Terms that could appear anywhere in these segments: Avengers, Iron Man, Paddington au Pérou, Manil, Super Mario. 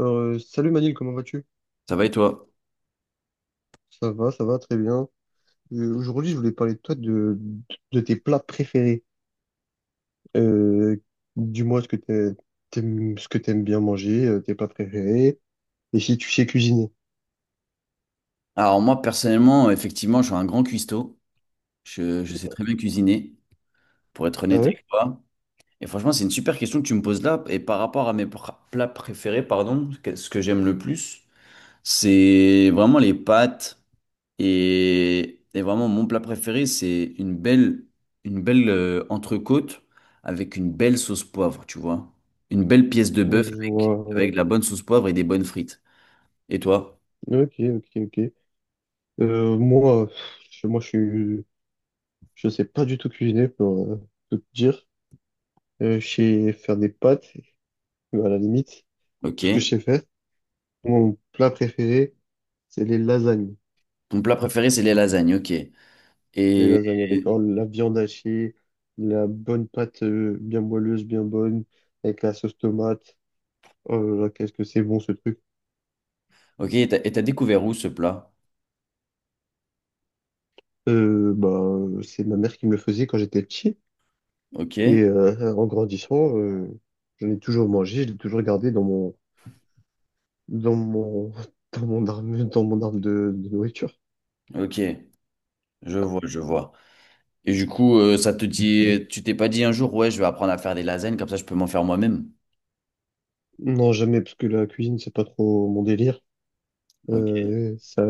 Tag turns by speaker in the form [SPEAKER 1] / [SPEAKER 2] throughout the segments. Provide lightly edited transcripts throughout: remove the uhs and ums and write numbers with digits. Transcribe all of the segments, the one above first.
[SPEAKER 1] Salut Manil, comment vas-tu?
[SPEAKER 2] Ça va et toi?
[SPEAKER 1] Ça va, très bien. Aujourd'hui, je voulais parler de tes plats préférés. Euh, Dis-moi ce que t'aimes, ce que t'aimes bien manger, tes plats préférés, et si tu sais cuisiner.
[SPEAKER 2] Alors moi personnellement, effectivement, je suis un grand cuistot. Je sais très bien cuisiner, pour être
[SPEAKER 1] Ah
[SPEAKER 2] honnête
[SPEAKER 1] ouais?
[SPEAKER 2] avec toi. Et franchement, c'est une super question que tu me poses là. Et par rapport à mes plats préférés, pardon, ce que j'aime le plus, c'est vraiment les pâtes. Et vraiment, mon plat préféré, c'est une belle entrecôte avec une belle sauce poivre, tu vois. Une belle pièce de bœuf avec,
[SPEAKER 1] Voilà.
[SPEAKER 2] avec de la bonne sauce poivre et des bonnes frites. Et toi?
[SPEAKER 1] Ok, ok, ok. Euh, moi, moi, je sais pas du tout cuisiner pour tout te dire. Je sais faire des pâtes, mais à la limite, tout ce que je
[SPEAKER 2] Ok.
[SPEAKER 1] sais faire. Mon plat préféré, c'est les lasagnes.
[SPEAKER 2] Ton plat préféré, c'est les lasagnes. Ok.
[SPEAKER 1] Les
[SPEAKER 2] Et,
[SPEAKER 1] lasagnes avec oh, la viande hachée, la bonne pâte bien moelleuse, bien bonne, avec la sauce tomate. Oh là là, qu'est-ce que c'est bon ce truc.
[SPEAKER 2] ok, et t'as découvert où ce plat?
[SPEAKER 1] C'est ma mère qui me le faisait quand j'étais petit.
[SPEAKER 2] Ok,
[SPEAKER 1] Et en grandissant, j'en ai toujours mangé, je l'ai toujours gardé dans mon dans mon arme de nourriture.
[SPEAKER 2] ok, je vois. Et du coup, ça te dit, tu t'es pas dit un jour, ouais, je vais apprendre à faire des lasagnes, comme ça je peux m'en faire moi-même.
[SPEAKER 1] Non, jamais, parce que la cuisine, c'est pas trop mon délire.
[SPEAKER 2] Ok,
[SPEAKER 1] Ça,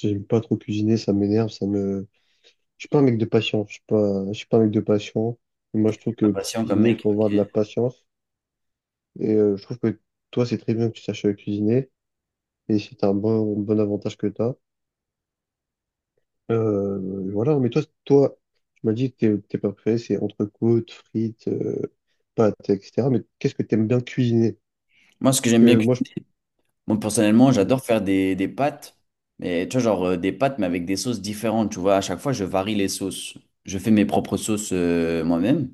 [SPEAKER 1] j'aime pas trop cuisiner, ça m'énerve, je suis pas un mec de patience. Je suis pas un mec de patience. Et moi, je trouve
[SPEAKER 2] pas
[SPEAKER 1] que pour
[SPEAKER 2] patient comme
[SPEAKER 1] cuisiner, il
[SPEAKER 2] mec.
[SPEAKER 1] faut avoir de la
[SPEAKER 2] Ok.
[SPEAKER 1] patience. Et je trouve que toi, c'est très bien que tu saches cuisiner. Et c'est un bon avantage que tu as. Voilà. Mais toi, tu m'as dit que t'es pas prêt. C'est entrecôte, frites, pâtes, etc. Mais qu'est-ce que tu aimes bien cuisiner?
[SPEAKER 2] Moi, ce que j'aime
[SPEAKER 1] Parce
[SPEAKER 2] bien,
[SPEAKER 1] que moi, je...
[SPEAKER 2] moi personnellement,
[SPEAKER 1] du-
[SPEAKER 2] j'adore faire des pâtes, mais tu vois, genre des pâtes, mais avec des sauces différentes, tu vois. À chaque fois, je varie les sauces. Je fais mes propres sauces moi-même.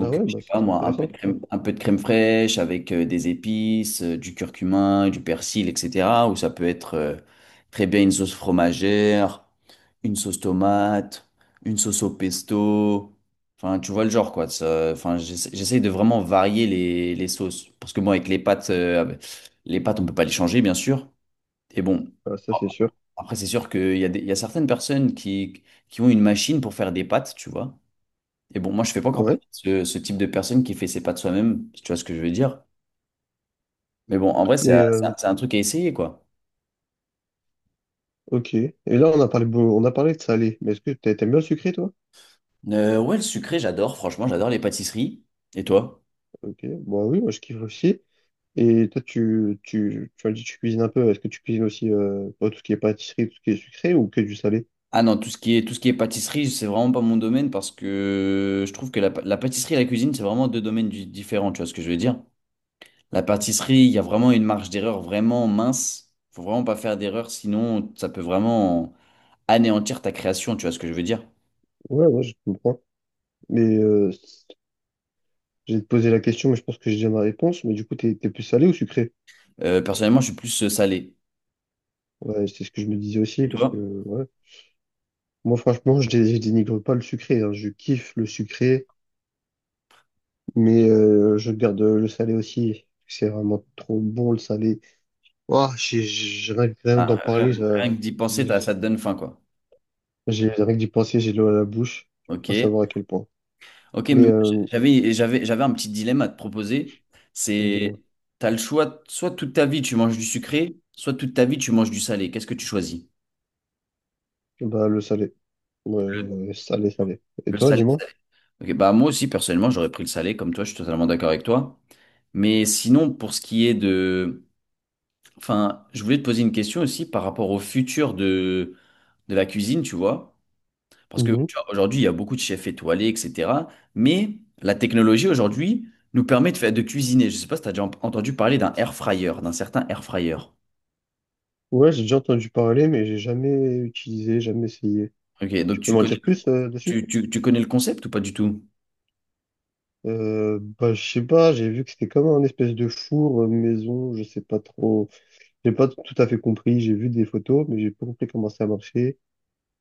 [SPEAKER 1] Ah ouais,
[SPEAKER 2] je
[SPEAKER 1] bah,
[SPEAKER 2] sais pas
[SPEAKER 1] c'est
[SPEAKER 2] moi, un peu
[SPEAKER 1] intéressant
[SPEAKER 2] de
[SPEAKER 1] tout ça.
[SPEAKER 2] crème, un peu de crème fraîche avec des épices, du curcuma, du persil, etc. Ou ça peut être très bien une sauce fromagère, une sauce tomate, une sauce au pesto. Enfin, tu vois le genre quoi. Enfin, j'essaye de vraiment varier les sauces. Parce que moi avec les pâtes, on peut pas les changer, bien sûr. Et bon,
[SPEAKER 1] Ah, ça,
[SPEAKER 2] oh,
[SPEAKER 1] c'est sûr.
[SPEAKER 2] après, c'est sûr qu'il y a il y a certaines personnes qui ont une machine pour faire des pâtes, tu vois. Et bon, moi, je fais pas encore
[SPEAKER 1] Ouais.
[SPEAKER 2] partie de ce, ce type de personne qui fait ses pas de soi-même, si tu vois ce que je veux dire. Mais bon, en vrai, c'est
[SPEAKER 1] Mais
[SPEAKER 2] un
[SPEAKER 1] euh,
[SPEAKER 2] c'est un truc à essayer, quoi.
[SPEAKER 1] ok. Et là, on a parlé, on a parlé de salé. Mais est-ce que t'aimes bien le sucré, toi?
[SPEAKER 2] Ouais, le sucré, j'adore, franchement, j'adore les pâtisseries. Et toi?
[SPEAKER 1] Ok. Bon, oui, moi, je kiffe aussi. Et toi, tu as dit que tu cuisines un peu. Est-ce que tu cuisines aussi pas tout ce qui est pâtisserie, tout ce qui est sucré ou que du salé?
[SPEAKER 2] Ah non, tout ce qui est, tout ce qui est pâtisserie, c'est vraiment pas mon domaine parce que je trouve que la, la pâtisserie et la cuisine, c'est vraiment deux domaines différents, tu vois ce que je veux dire? La pâtisserie, il y a vraiment une marge d'erreur vraiment mince. Faut vraiment pas faire d'erreur, sinon ça peut vraiment anéantir ta création, tu vois ce que je veux dire?
[SPEAKER 1] Ouais, ouais, je comprends. Mais euh, j'ai posé la question, mais je pense que j'ai déjà ma réponse. Mais du coup, t'es plus salé ou sucré?
[SPEAKER 2] Personnellement, je suis plus salé.
[SPEAKER 1] Ouais, c'est ce que je me disais
[SPEAKER 2] Et
[SPEAKER 1] aussi, parce que
[SPEAKER 2] toi?
[SPEAKER 1] ouais. Moi, franchement, je dénigre pas le sucré, hein. Je kiffe le sucré, mais je garde le salé aussi. C'est vraiment trop bon le salé. Rien que
[SPEAKER 2] Ah,
[SPEAKER 1] d'en parler,
[SPEAKER 2] rien que d'y penser,
[SPEAKER 1] j'ai,
[SPEAKER 2] t'as- ça te donne faim, quoi.
[SPEAKER 1] rien que d'y penser, j'ai l'eau à la bouche. Je peux pas
[SPEAKER 2] Ok.
[SPEAKER 1] savoir à quel point.
[SPEAKER 2] Ok, mais
[SPEAKER 1] Mais
[SPEAKER 2] moi,
[SPEAKER 1] euh,
[SPEAKER 2] j'avais un petit dilemme à te proposer. C'est,
[SPEAKER 1] dis-moi,
[SPEAKER 2] t'as le choix, soit toute ta vie tu manges du sucré, soit toute ta vie tu manges du salé. Qu'est-ce que tu choisis?
[SPEAKER 1] bah le salé, ouais, ouais, salé, salé. Et
[SPEAKER 2] Le
[SPEAKER 1] toi,
[SPEAKER 2] salé.
[SPEAKER 1] dis-moi?
[SPEAKER 2] Salé. Ok, bah moi aussi, personnellement, j'aurais pris le salé, comme toi, je suis totalement d'accord avec toi. Mais sinon, pour ce qui est de... Enfin, je voulais te poser une question aussi par rapport au futur de la cuisine, tu vois. Parce que
[SPEAKER 1] Mhm.
[SPEAKER 2] tu vois, aujourd'hui, il y a beaucoup de chefs étoilés, etc. Mais la technologie aujourd'hui nous permet de faire de cuisiner. Je ne sais pas si tu as déjà entendu parler d'un air fryer, d'un certain air fryer.
[SPEAKER 1] Ouais, j'ai déjà entendu parler, mais j'ai jamais utilisé, jamais essayé.
[SPEAKER 2] Ok, donc
[SPEAKER 1] Tu peux
[SPEAKER 2] tu
[SPEAKER 1] m'en
[SPEAKER 2] connais,
[SPEAKER 1] dire plus dessus?
[SPEAKER 2] tu connais le concept ou pas du tout?
[SPEAKER 1] Bah je sais pas, j'ai vu que c'était comme un espèce de four maison, je sais pas trop, j'ai pas tout à fait compris. J'ai vu des photos, mais j'ai pas compris comment ça marchait.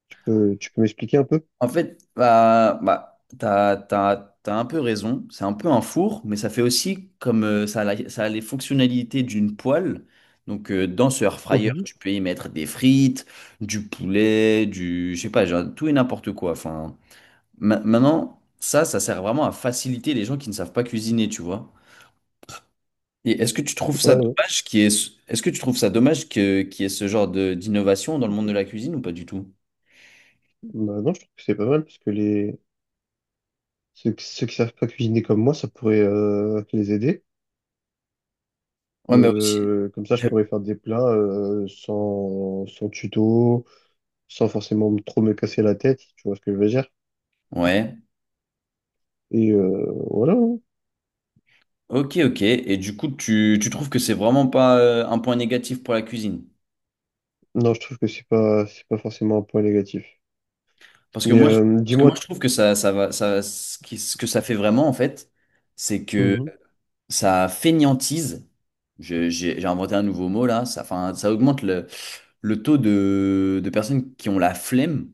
[SPEAKER 1] Tu peux m'expliquer un peu?
[SPEAKER 2] En fait, bah, t'as un peu raison. C'est un peu un four, mais ça fait aussi comme ça, ça a les fonctionnalités d'une poêle. Donc, dans ce air fryer,
[SPEAKER 1] Mhm.
[SPEAKER 2] tu peux y mettre des frites, du poulet, du, je sais pas, genre, tout et n'importe quoi. Enfin, maintenant, ça sert vraiment à faciliter les gens qui ne savent pas cuisiner, tu vois. Et est-ce que tu trouves ça
[SPEAKER 1] Ouais, ouais.
[SPEAKER 2] dommage qu'il y ait ce... est-ce que tu trouves ça dommage que qu'il y ait ce genre de d'innovation dans le monde de la cuisine ou pas du tout?
[SPEAKER 1] Bah non, je trouve que c'est pas mal parce que les ceux qui savent pas cuisiner comme moi, ça pourrait les aider.
[SPEAKER 2] Ouais, mais aussi.
[SPEAKER 1] Comme ça, je
[SPEAKER 2] Je-
[SPEAKER 1] pourrais faire des plats euh, sans tuto, sans forcément trop me casser la tête, tu vois ce que je veux dire?
[SPEAKER 2] Ouais.
[SPEAKER 1] Et voilà, hein.
[SPEAKER 2] Ok, ok. Et du coup, tu trouves que c'est vraiment pas un point négatif pour la cuisine?
[SPEAKER 1] Non, je trouve que c'est pas forcément un point négatif.
[SPEAKER 2] Parce que moi, je, parce que
[SPEAKER 1] Dis-moi,
[SPEAKER 2] moi, je trouve que ça va, ça, ce que ça fait vraiment, en fait, c'est que
[SPEAKER 1] Mhm.
[SPEAKER 2] ça fainéantise. J'ai inventé un nouveau mot là. Ça, enfin, ça augmente le taux de personnes qui ont la flemme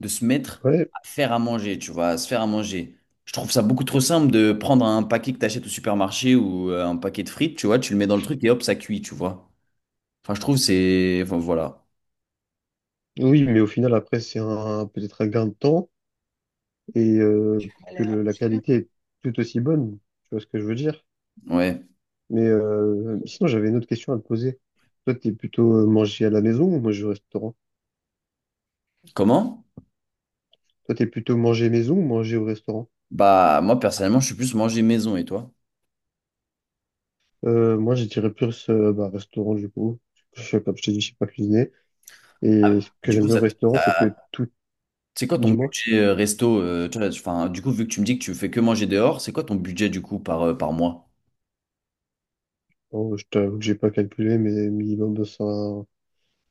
[SPEAKER 2] de se mettre
[SPEAKER 1] Ouais,
[SPEAKER 2] à faire à manger, tu vois, à se faire à manger. Je trouve ça beaucoup trop simple de prendre un paquet que t'achètes au supermarché ou un paquet de frites, tu vois, tu le mets dans le truc et hop, ça cuit, tu vois. Enfin, je trouve c'est... Enfin, voilà.
[SPEAKER 1] oui, mais au final, après, c'est un, peut-être un gain de temps et que la qualité est tout aussi bonne, tu vois ce que je veux dire?
[SPEAKER 2] Ouais.
[SPEAKER 1] Sinon, j'avais une autre question à te poser. Toi, t'es plutôt manger à la maison ou manger au restaurant?
[SPEAKER 2] Comment?
[SPEAKER 1] Toi, t'es plutôt manger maison ou manger au restaurant?
[SPEAKER 2] Bah, moi, personnellement, je suis plus manger maison et toi?
[SPEAKER 1] Moi, je dirais plus bah, restaurant du coup. Je, comme je t'ai dit, je sais pas cuisiner. Et ce que
[SPEAKER 2] Du
[SPEAKER 1] j'aime
[SPEAKER 2] coup,
[SPEAKER 1] bien au restaurant, c'est que tout,
[SPEAKER 2] c'est quoi ton
[SPEAKER 1] dis-moi,
[SPEAKER 2] budget resto? Tu vois, enfin, du coup, vu que tu me dis que tu fais que manger dehors, c'est quoi ton budget du coup par, par mois?
[SPEAKER 1] Oh, je t'avoue que j'ai pas calculé, mais minimum de 5,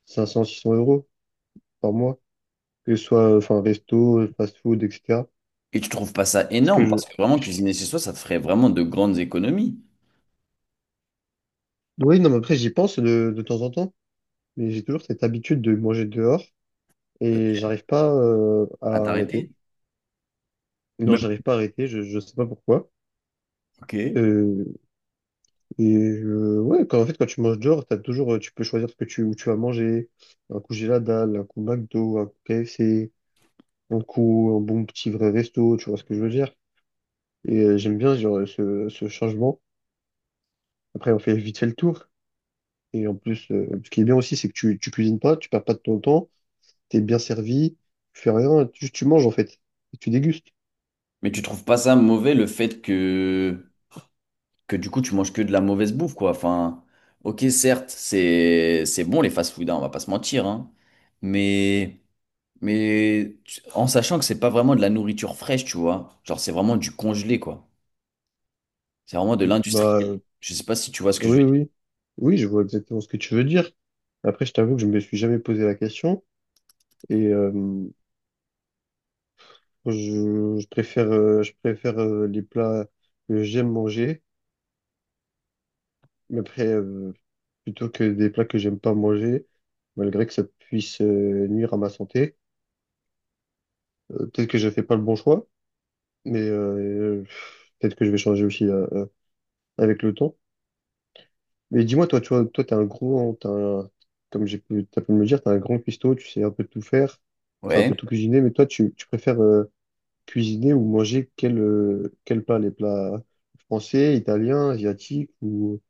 [SPEAKER 1] 500-600 euros par mois, que ce soit enfin resto, fast-food, etc.
[SPEAKER 2] Et tu trouves pas ça
[SPEAKER 1] Parce que
[SPEAKER 2] énorme
[SPEAKER 1] je,
[SPEAKER 2] parce que vraiment cuisiner chez soi, ça te ferait vraiment de grandes économies
[SPEAKER 1] oui, non, mais après j'y pense de temps en temps, mais j'ai toujours cette habitude de manger dehors
[SPEAKER 2] euh,
[SPEAKER 1] et j'arrive pas à
[SPEAKER 2] à t'arrêter.
[SPEAKER 1] arrêter. Non,
[SPEAKER 2] Même
[SPEAKER 1] j'arrive pas à arrêter. Je sais pas pourquoi.
[SPEAKER 2] ok.
[SPEAKER 1] Euh, Et ouais, quand, en fait, quand tu manges dehors, t'as toujours, tu peux choisir où tu vas manger. Un coup j'ai la dalle, un coup McDo, un coup KFC, un coup un bon petit vrai resto, tu vois ce que je veux dire. Et j'aime bien genre, ce changement. Après, on fait vite fait le tour. Et en plus, ce qui est bien aussi, c'est que tu cuisines pas, tu perds pas de ton temps, t'es bien servi, tu fais rien, tu manges en fait, et tu dégustes.
[SPEAKER 2] Mais tu trouves pas ça mauvais le fait que du coup tu manges que de la mauvaise bouffe quoi. Enfin, ok certes c'est bon les fast-food, hein, on va pas se mentir hein. Mais mais en sachant que c'est pas vraiment de la nourriture fraîche, tu vois. Genre c'est vraiment du congelé quoi. C'est vraiment de
[SPEAKER 1] Bah
[SPEAKER 2] l'industriel.
[SPEAKER 1] euh,
[SPEAKER 2] Je sais pas si tu vois ce que je
[SPEAKER 1] oui,
[SPEAKER 2] veux dire.
[SPEAKER 1] oui, oui, je vois exactement ce que tu veux dire. Après, je t'avoue que je me suis jamais posé la question. Et je préfère les plats que j'aime manger, mais après, plutôt que des plats que j'aime pas manger, malgré que ça puisse nuire à ma santé. Peut-être que je fais pas le bon choix, mais peut-être que je vais changer aussi avec le temps. Mais dis-moi, toi, tu vois, toi, t'es un gros, hein, comme j'ai pu, t'as pu me le dire, t'es un grand cuistot, tu sais un peu tout faire, tu sais un
[SPEAKER 2] Ouais.
[SPEAKER 1] peu tout cuisiner, mais toi, tu préfères cuisiner ou manger quel plat, les plats français, italiens, asiatiques ou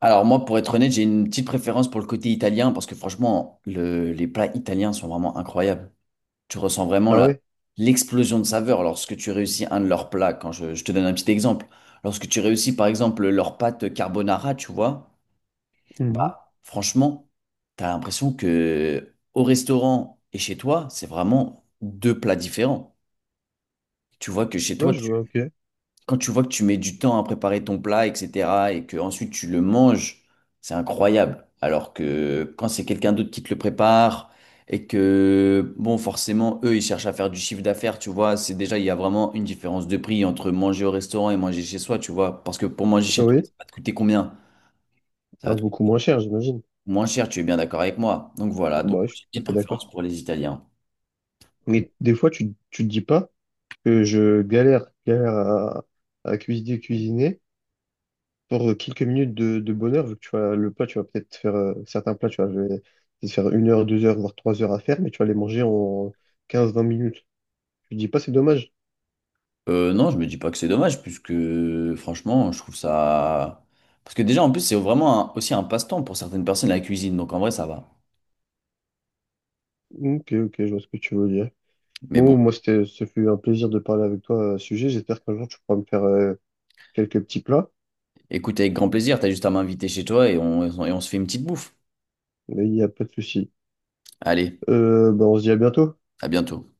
[SPEAKER 2] Alors moi, pour être honnête, j'ai une petite préférence pour le côté italien parce que franchement, les plats italiens sont vraiment incroyables. Tu ressens vraiment
[SPEAKER 1] Ah
[SPEAKER 2] la,
[SPEAKER 1] ouais?
[SPEAKER 2] l'explosion de saveur lorsque tu réussis un de leurs plats. Quand je te donne un petit exemple, lorsque tu réussis par exemple leur pâte carbonara, tu vois,
[SPEAKER 1] Mhm.
[SPEAKER 2] bah franchement, t'as l'impression que au restaurant et chez toi, c'est vraiment deux plats différents. Tu vois que chez
[SPEAKER 1] Ouais,
[SPEAKER 2] toi,
[SPEAKER 1] je vois, ok.
[SPEAKER 2] quand tu vois que tu mets du temps à préparer ton plat, etc., et que ensuite tu le manges, c'est incroyable. Alors que quand c'est quelqu'un d'autre qui te le prépare et que, bon, forcément, eux, ils cherchent à faire du chiffre d'affaires, tu vois, c'est déjà, il y a vraiment une différence de prix entre manger au restaurant et manger chez soi, tu vois. Parce que pour manger
[SPEAKER 1] Ah
[SPEAKER 2] chez toi, ça
[SPEAKER 1] oui,
[SPEAKER 2] va te coûter combien? Ça
[SPEAKER 1] ah,
[SPEAKER 2] va te
[SPEAKER 1] beaucoup
[SPEAKER 2] coûter
[SPEAKER 1] moins cher, j'imagine.
[SPEAKER 2] moins cher, tu es bien d'accord avec moi. Donc voilà, donc
[SPEAKER 1] Bah, ouais, je suis
[SPEAKER 2] j'ai une
[SPEAKER 1] tout à
[SPEAKER 2] petite
[SPEAKER 1] fait d'accord.
[SPEAKER 2] préférence pour les Italiens.
[SPEAKER 1] Mais des fois, tu te dis pas que je galère à, cuisiner pour quelques minutes de bonheur, vu que tu vois, le plat, tu vas peut-être faire certains plats, tu vas je vais te faire 1 heure, 2 heures, voire 3 heures à faire, mais tu vas les manger en 15 20 minutes. Tu te dis pas, c'est dommage.
[SPEAKER 2] Non, je me dis pas que c'est dommage, puisque franchement, je trouve ça. Parce que déjà, en plus, c'est vraiment aussi un passe-temps pour certaines personnes, la cuisine, donc en vrai, ça va.
[SPEAKER 1] Ok, ok, je vois ce que tu veux dire.
[SPEAKER 2] Mais bon,
[SPEAKER 1] Bon, moi, ce fut un plaisir de parler avec toi à ce sujet. J'espère qu'un jour, tu pourras me faire quelques petits plats,
[SPEAKER 2] écoute, avec grand plaisir, t'as juste à m'inviter chez toi et on se fait une petite bouffe.
[SPEAKER 1] mais il n'y a pas de souci.
[SPEAKER 2] Allez,
[SPEAKER 1] Ben, on se dit à bientôt.
[SPEAKER 2] à bientôt.